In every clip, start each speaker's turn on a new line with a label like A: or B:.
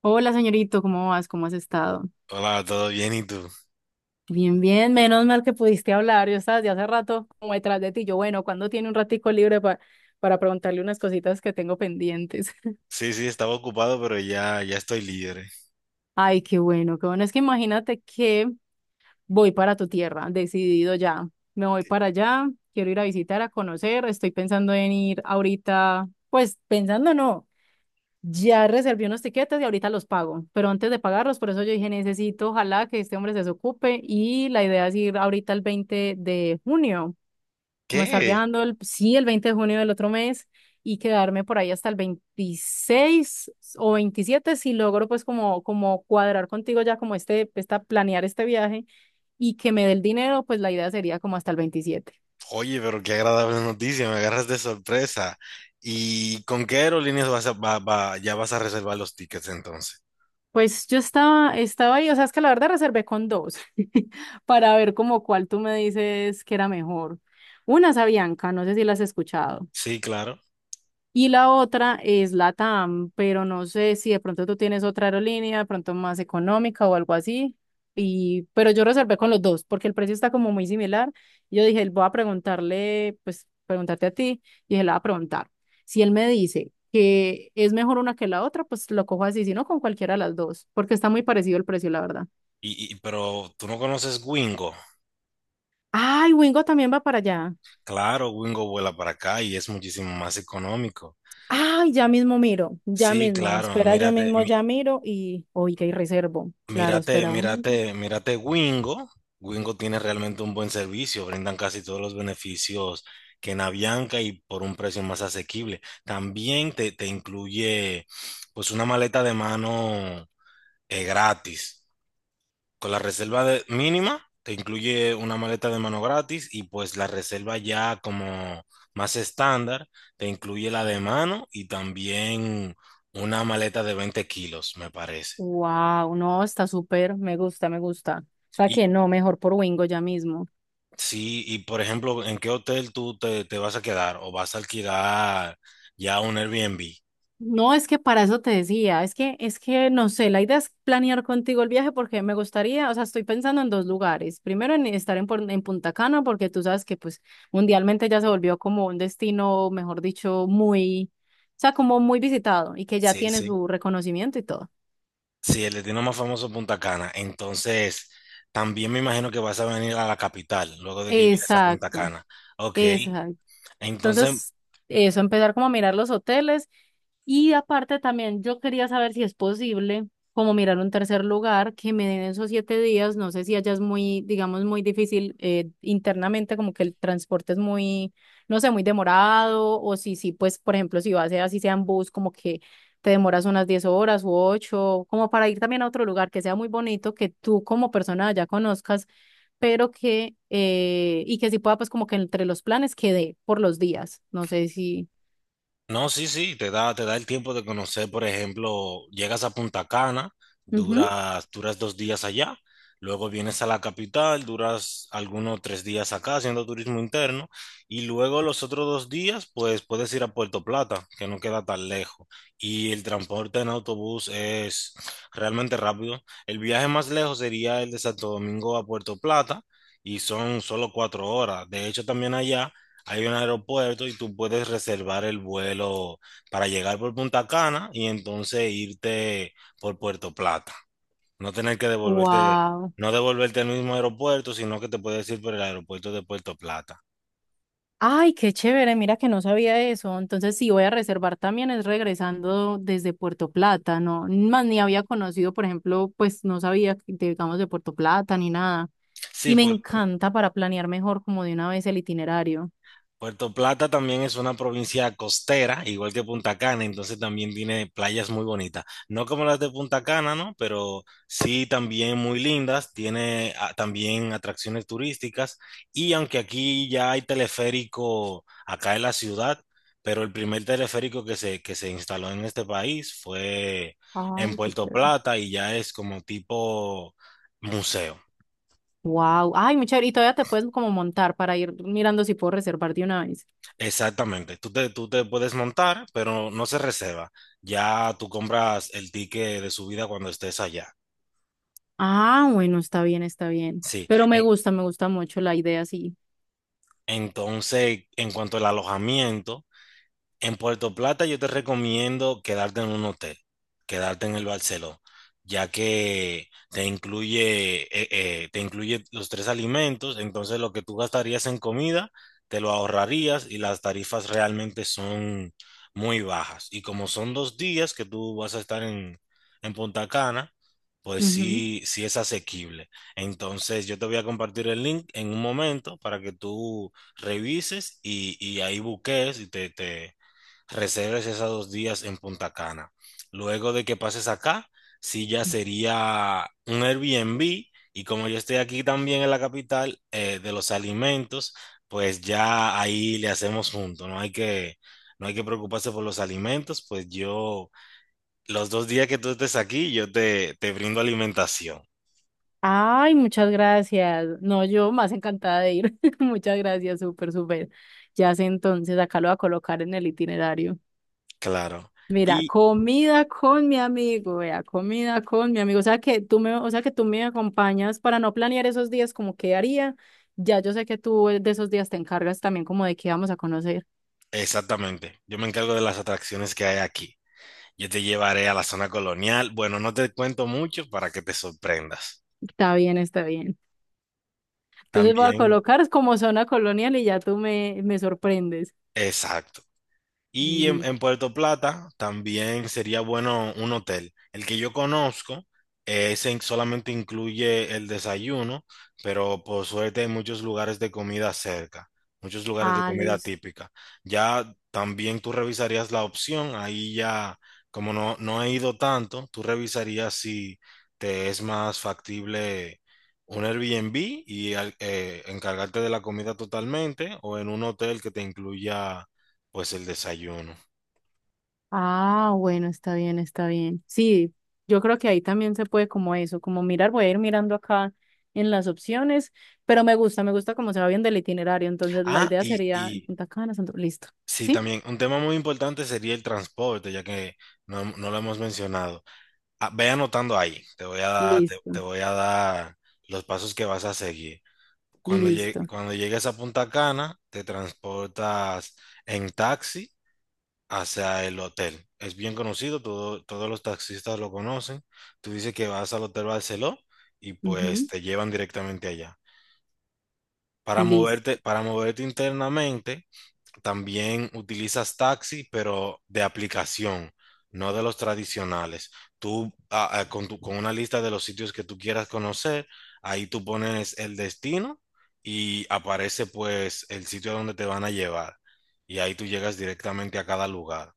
A: Hola, señorito, ¿cómo vas? ¿Cómo has estado?
B: Hola, ¿todo bien? ¿Y tú?
A: Bien, bien, menos mal que pudiste hablar. Yo estaba desde hace rato como detrás de ti. Yo, bueno, ¿cuándo tiene un ratico libre para preguntarle unas cositas que tengo pendientes?
B: Sí, sí, estaba ocupado, pero ya, ya estoy libre.
A: Ay, qué bueno, qué bueno. Es que imagínate que voy para tu tierra, decidido ya. Me voy para allá, quiero ir a visitar, a conocer. Estoy pensando en ir ahorita, pues pensando no. Ya reservé unos tiquetes y ahorita los pago, pero antes de pagarlos, por eso yo dije, necesito, ojalá que este hombre se desocupe y la idea es ir ahorita el 20 de junio, como estar
B: ¿Qué?
A: viajando, el, sí, el 20 de junio del otro mes y quedarme por ahí hasta el 26 o 27 si logro pues como, como cuadrar contigo ya como este, esta, planear este viaje y que me dé el dinero, pues la idea sería como hasta el 27.
B: Oye, pero qué agradable noticia, me agarras de sorpresa. ¿Y con qué aerolíneas vas a, va- va- ya vas a reservar los tickets entonces?
A: Pues yo estaba, estaba ahí, o sea, es que la verdad reservé con dos para ver como cuál tú me dices que era mejor. Una es Avianca, no sé si la has escuchado.
B: Sí, claro.
A: Y la otra es LATAM, pero no sé si de pronto tú tienes otra aerolínea, de pronto más económica o algo así. Y pero yo reservé con los dos porque el precio está como muy similar. Yo dije, voy a preguntarle, pues preguntarte a ti. Y dije, le voy a preguntar. Si él me dice que es mejor una que la otra, pues lo cojo así, si no con cualquiera de las dos, porque está muy parecido el precio, la verdad.
B: Pero tú no conoces Wingo.
A: Ay, Wingo también va para allá.
B: Claro, Wingo vuela para acá y es muchísimo más económico.
A: Ay, ya mismo miro, ya
B: Sí,
A: mismo.
B: claro,
A: Espera, yo
B: mírate,
A: mismo
B: mi-
A: ya miro y, oiga, y reservo. Claro,
B: Mírate,
A: espera, Wingo.
B: mírate, mírate Wingo. Wingo tiene realmente un buen servicio, brindan casi todos los beneficios que en Avianca y por un precio más asequible. También te incluye pues una maleta de mano gratis. Con la reserva mínima, te incluye una maleta de mano gratis y pues la reserva ya como más estándar, te incluye la de mano y también una maleta de 20 kilos, me parece.
A: Wow, no, está súper, me gusta, me gusta. O sea que
B: Y,
A: no, mejor por Wingo ya mismo.
B: Sí, y por ejemplo, ¿en qué hotel tú te vas a quedar o vas a alquilar ya un Airbnb?
A: No, es que para eso te decía, es que no sé, la idea es planear contigo el viaje porque me gustaría, o sea, estoy pensando en dos lugares. Primero en estar en, en Punta Cana porque tú sabes que pues mundialmente ya se volvió como un destino, mejor dicho, muy, o sea, como muy visitado y que ya
B: Sí,
A: tiene
B: sí.
A: su reconocimiento y todo.
B: Sí, el destino más famoso es Punta Cana. Entonces, también me imagino que vas a venir a la capital luego de que llegues a Punta
A: Exacto.
B: Cana. Ok.
A: Exacto.
B: Entonces,
A: Entonces, eso, empezar como a mirar los hoteles y aparte también yo quería saber si es posible como mirar un tercer lugar que me den esos 7 días. No sé si allá es muy, digamos, muy difícil internamente, como que el transporte es muy, no sé, muy demorado o si, sí pues, por ejemplo, si vas a así sea en bus, como que te demoras unas 10 horas u 8 como para ir también a otro lugar que sea muy bonito, que tú como persona allá conozcas pero que, y que sí pueda, pues como que entre los planes quede por los días. No sé si...
B: No, sí, sí, te da el tiempo de conocer, por ejemplo, llegas a Punta Cana,
A: Ujú.
B: duras 2 días allá, luego vienes a la capital, duras algunos 3 días acá haciendo turismo interno, y luego los otros 2 días, pues puedes ir a Puerto Plata, que no queda tan lejos, y el transporte en autobús es realmente rápido. El viaje más lejos sería el de Santo Domingo a Puerto Plata, y son solo 4 horas. De hecho, también allá hay un aeropuerto y tú puedes reservar el vuelo para llegar por Punta Cana y entonces irte por Puerto Plata. No tener que devolverte,
A: Wow.
B: no devolverte al mismo aeropuerto, sino que te puedes ir por el aeropuerto de Puerto Plata.
A: Ay, qué chévere, mira que no sabía eso. Entonces, sí voy a reservar también es regresando desde Puerto Plata, ¿no? Más ni había conocido, por ejemplo, pues no sabía, que, digamos, de Puerto Plata ni nada. Y
B: Sí,
A: me
B: por,
A: encanta para planear mejor como de una vez el itinerario.
B: Puerto Plata también es una provincia costera, igual que Punta Cana, entonces también tiene playas muy bonitas. No como las de Punta Cana, ¿no? Pero sí también muy lindas, tiene también atracciones turísticas, y aunque aquí ya hay teleférico acá en la ciudad, pero el primer teleférico que se instaló en este país fue en
A: Ay, qué
B: Puerto
A: chévere.
B: Plata y ya es como tipo museo.
A: Wow. Ay, muy chévere. Y todavía te puedes como montar para ir mirando si puedo reservar de una vez.
B: Exactamente, tú te puedes montar, pero no se reserva. Ya tú compras el ticket de subida cuando estés allá.
A: Ah, bueno, está bien, está bien.
B: Sí.
A: Pero me gusta mucho la idea, sí.
B: Entonces, en cuanto al alojamiento. En Puerto Plata yo te recomiendo quedarte en un hotel, quedarte en el Barceló, ya que te incluye los tres alimentos, entonces lo que tú gastarías en comida, te lo ahorrarías y las tarifas realmente son muy bajas. Y como son 2 días que tú vas a estar en Punta Cana, pues
A: Ujú.
B: sí, sí es asequible. Entonces yo te voy a compartir el link en un momento para que tú revises y ahí busques y reserves esos 2 días en Punta Cana. Luego de que pases acá, sí ya sería un Airbnb, y como yo estoy aquí también en la capital de los alimentos, pues ya ahí le hacemos junto, no hay que preocuparse por los alimentos, pues yo, los 2 días que tú estés aquí, yo te brindo alimentación,
A: Ay, muchas gracias. No, yo más encantada de ir. Muchas gracias, súper, súper. Ya sé entonces, acá lo voy a colocar en el itinerario.
B: claro.
A: Mira,
B: Y
A: comida con mi amigo, vea, comida con mi amigo. O sea que tú me, o sea que tú me acompañas para no planear esos días como qué haría. Ya yo sé que tú de esos días te encargas también como de qué vamos a conocer.
B: exactamente, yo me encargo de las atracciones que hay aquí. Yo te llevaré a la zona colonial. Bueno, no te cuento mucho para que te sorprendas.
A: Está bien, está bien. Entonces voy a
B: También,
A: colocar como zona colonial y ya tú me, me sorprendes.
B: exacto. Y en,
A: Listo.
B: en Puerto Plata también sería bueno un hotel. El que yo conozco solamente incluye el desayuno, pero por suerte hay muchos lugares de comida cerca, muchos lugares de
A: Ah,
B: comida
A: listo.
B: típica. Ya también tú revisarías la opción, ahí ya, como no he ido tanto, tú revisarías si te es más factible un Airbnb y encargarte de la comida totalmente o en un hotel que te incluya pues el desayuno.
A: Ah, bueno, está bien, está bien. Sí, yo creo que ahí también se puede como eso, como mirar, voy a ir mirando acá en las opciones, pero me gusta cómo se va bien del itinerario. Entonces la
B: Ah,
A: idea sería
B: y
A: Punta Cana, listo.
B: sí,
A: ¿Sí?
B: también un tema muy importante sería el transporte, ya que no lo hemos mencionado. Ah, ve anotando ahí, te voy a dar, te
A: Listo,
B: voy a dar los pasos que vas a seguir. Cuando llegue-
A: listo.
B: cuando llegues a Punta Cana, te transportas en taxi hacia el hotel. Es bien conocido, todos los taxistas lo conocen. Tú dices que vas al Hotel Barceló y pues
A: Ujú.
B: te llevan directamente allá. Para
A: Listo.
B: moverte, para moverte internamente, también utilizas taxi, pero de aplicación, no de los tradicionales. Tú ah, ah, con, tu- con una lista de los sitios que tú quieras conocer, ahí tú pones el destino y aparece pues el sitio donde te van a llevar. Y ahí tú llegas directamente a cada lugar.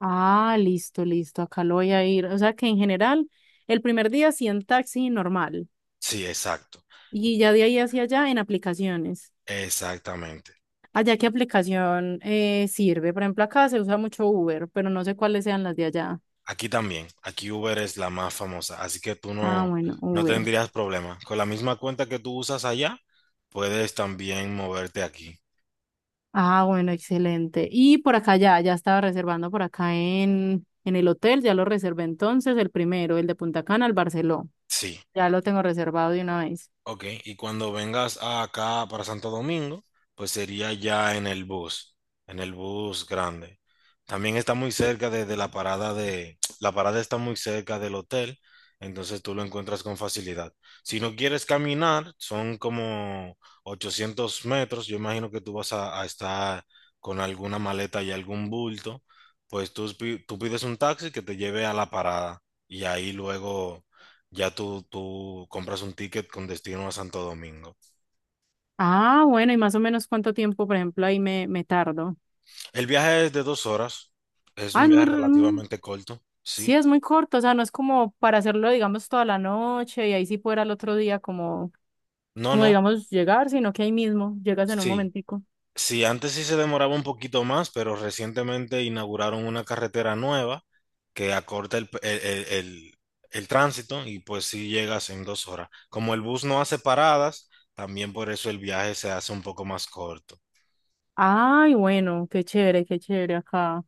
A: Ah, listo, listo. Acá lo voy a ir. O sea que en general, el primer día sí en taxi normal.
B: Sí, exacto.
A: Y ya de ahí hacia allá en aplicaciones.
B: Exactamente.
A: Allá, ¿qué aplicación sirve? Por ejemplo, acá se usa mucho Uber, pero no sé cuáles sean las de allá.
B: Aquí también. Aquí Uber es la más famosa, así que tú
A: Ah,
B: no,
A: bueno,
B: no
A: Uber.
B: tendrías problema. Con la misma cuenta que tú usas allá, puedes también moverte aquí.
A: Ah, bueno, excelente. Y por acá ya, ya estaba reservando por acá en el hotel, ya lo reservé entonces, el primero, el de Punta Cana, el Barceló.
B: Sí.
A: Ya lo tengo reservado de una vez.
B: Ok, y cuando vengas acá para Santo Domingo, pues sería ya en el bus grande. También está muy cerca de la parada de, la parada está muy cerca del hotel, entonces tú lo encuentras con facilidad. Si no quieres caminar, son como 800 metros, yo imagino que tú vas a estar con alguna maleta y algún bulto, pues tú pides un taxi que te lleve a la parada y ahí luego ya tú compras un ticket con destino a Santo Domingo.
A: Ah, bueno, y más o menos cuánto tiempo, por ejemplo, ahí me, me tardo.
B: El viaje es de 2 horas. Es
A: Ah,
B: un
A: es muy,
B: viaje relativamente corto. Sí.
A: sí, es muy corto, o sea, no es como para hacerlo, digamos, toda la noche y ahí sí fuera el otro día como
B: No,
A: como
B: no.
A: digamos llegar, sino que ahí mismo llegas en un
B: Sí.
A: momentico.
B: Sí, antes sí se demoraba un poquito más, pero recientemente inauguraron una carretera nueva que acorta el tránsito y pues sí llegas en 2 horas. Como el bus no hace paradas, también por eso el viaje se hace un poco más corto.
A: Ay, bueno, qué chévere acá.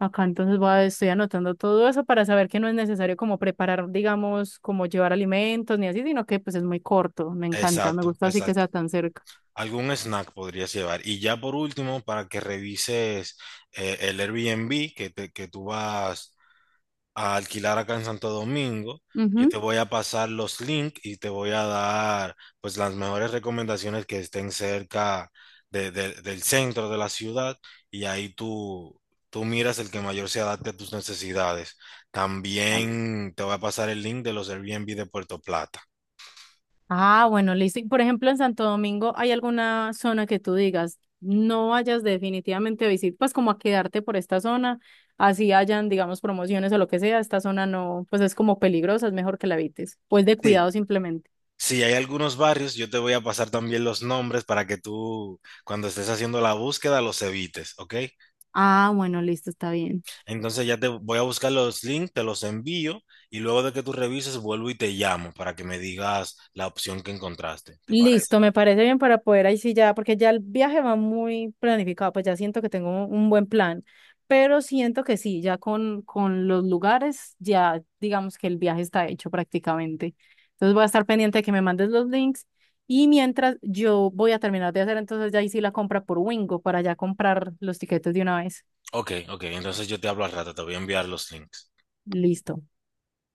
A: Acá entonces voy a, estoy anotando todo eso para saber que no es necesario como preparar, digamos, como llevar alimentos ni así, sino que pues es muy corto. Me encanta, me
B: Exacto,
A: gusta así que sea
B: exacto.
A: tan cerca.
B: Algún snack podrías llevar. Y ya por último, para que revises el Airbnb que tú vas a alquilar acá en Santo Domingo, yo te
A: Ujú.
B: voy a pasar los links y te voy a dar pues las mejores recomendaciones que estén cerca del centro de la ciudad, y ahí tú miras el que mayor se adapte a tus necesidades.
A: Dale.
B: También te voy a pasar el link de los Airbnb de Puerto Plata.
A: Ah, bueno, listo. Y, por ejemplo, en Santo Domingo, ¿hay alguna zona que tú digas, no vayas definitivamente a visitar, pues como a quedarte por esta zona, así hayan, digamos, promociones o lo que sea, esta zona no, pues es como peligrosa, es mejor que la evites, pues de cuidado
B: Sí,
A: simplemente.
B: si hay algunos barrios, yo te voy a pasar también los nombres para que tú, cuando estés haciendo la búsqueda, los evites, ¿ok?
A: Ah, bueno, listo, está bien.
B: Entonces ya te voy a buscar los links, te los envío y luego de que tú revises, vuelvo y te llamo para que me digas la opción que encontraste, ¿te parece?
A: Listo, me parece bien para poder ahí sí ya, porque ya el viaje va muy planificado, pues ya siento que tengo un buen plan, pero siento que sí, ya con los lugares, ya digamos que el viaje está hecho prácticamente. Entonces voy a estar pendiente de que me mandes los links y mientras yo voy a terminar de hacer entonces ya ahí sí la compra por Wingo para ya comprar los tiquetes de una vez.
B: Ok, ok, entonces yo te hablo al rato, te voy a enviar los links.
A: Listo.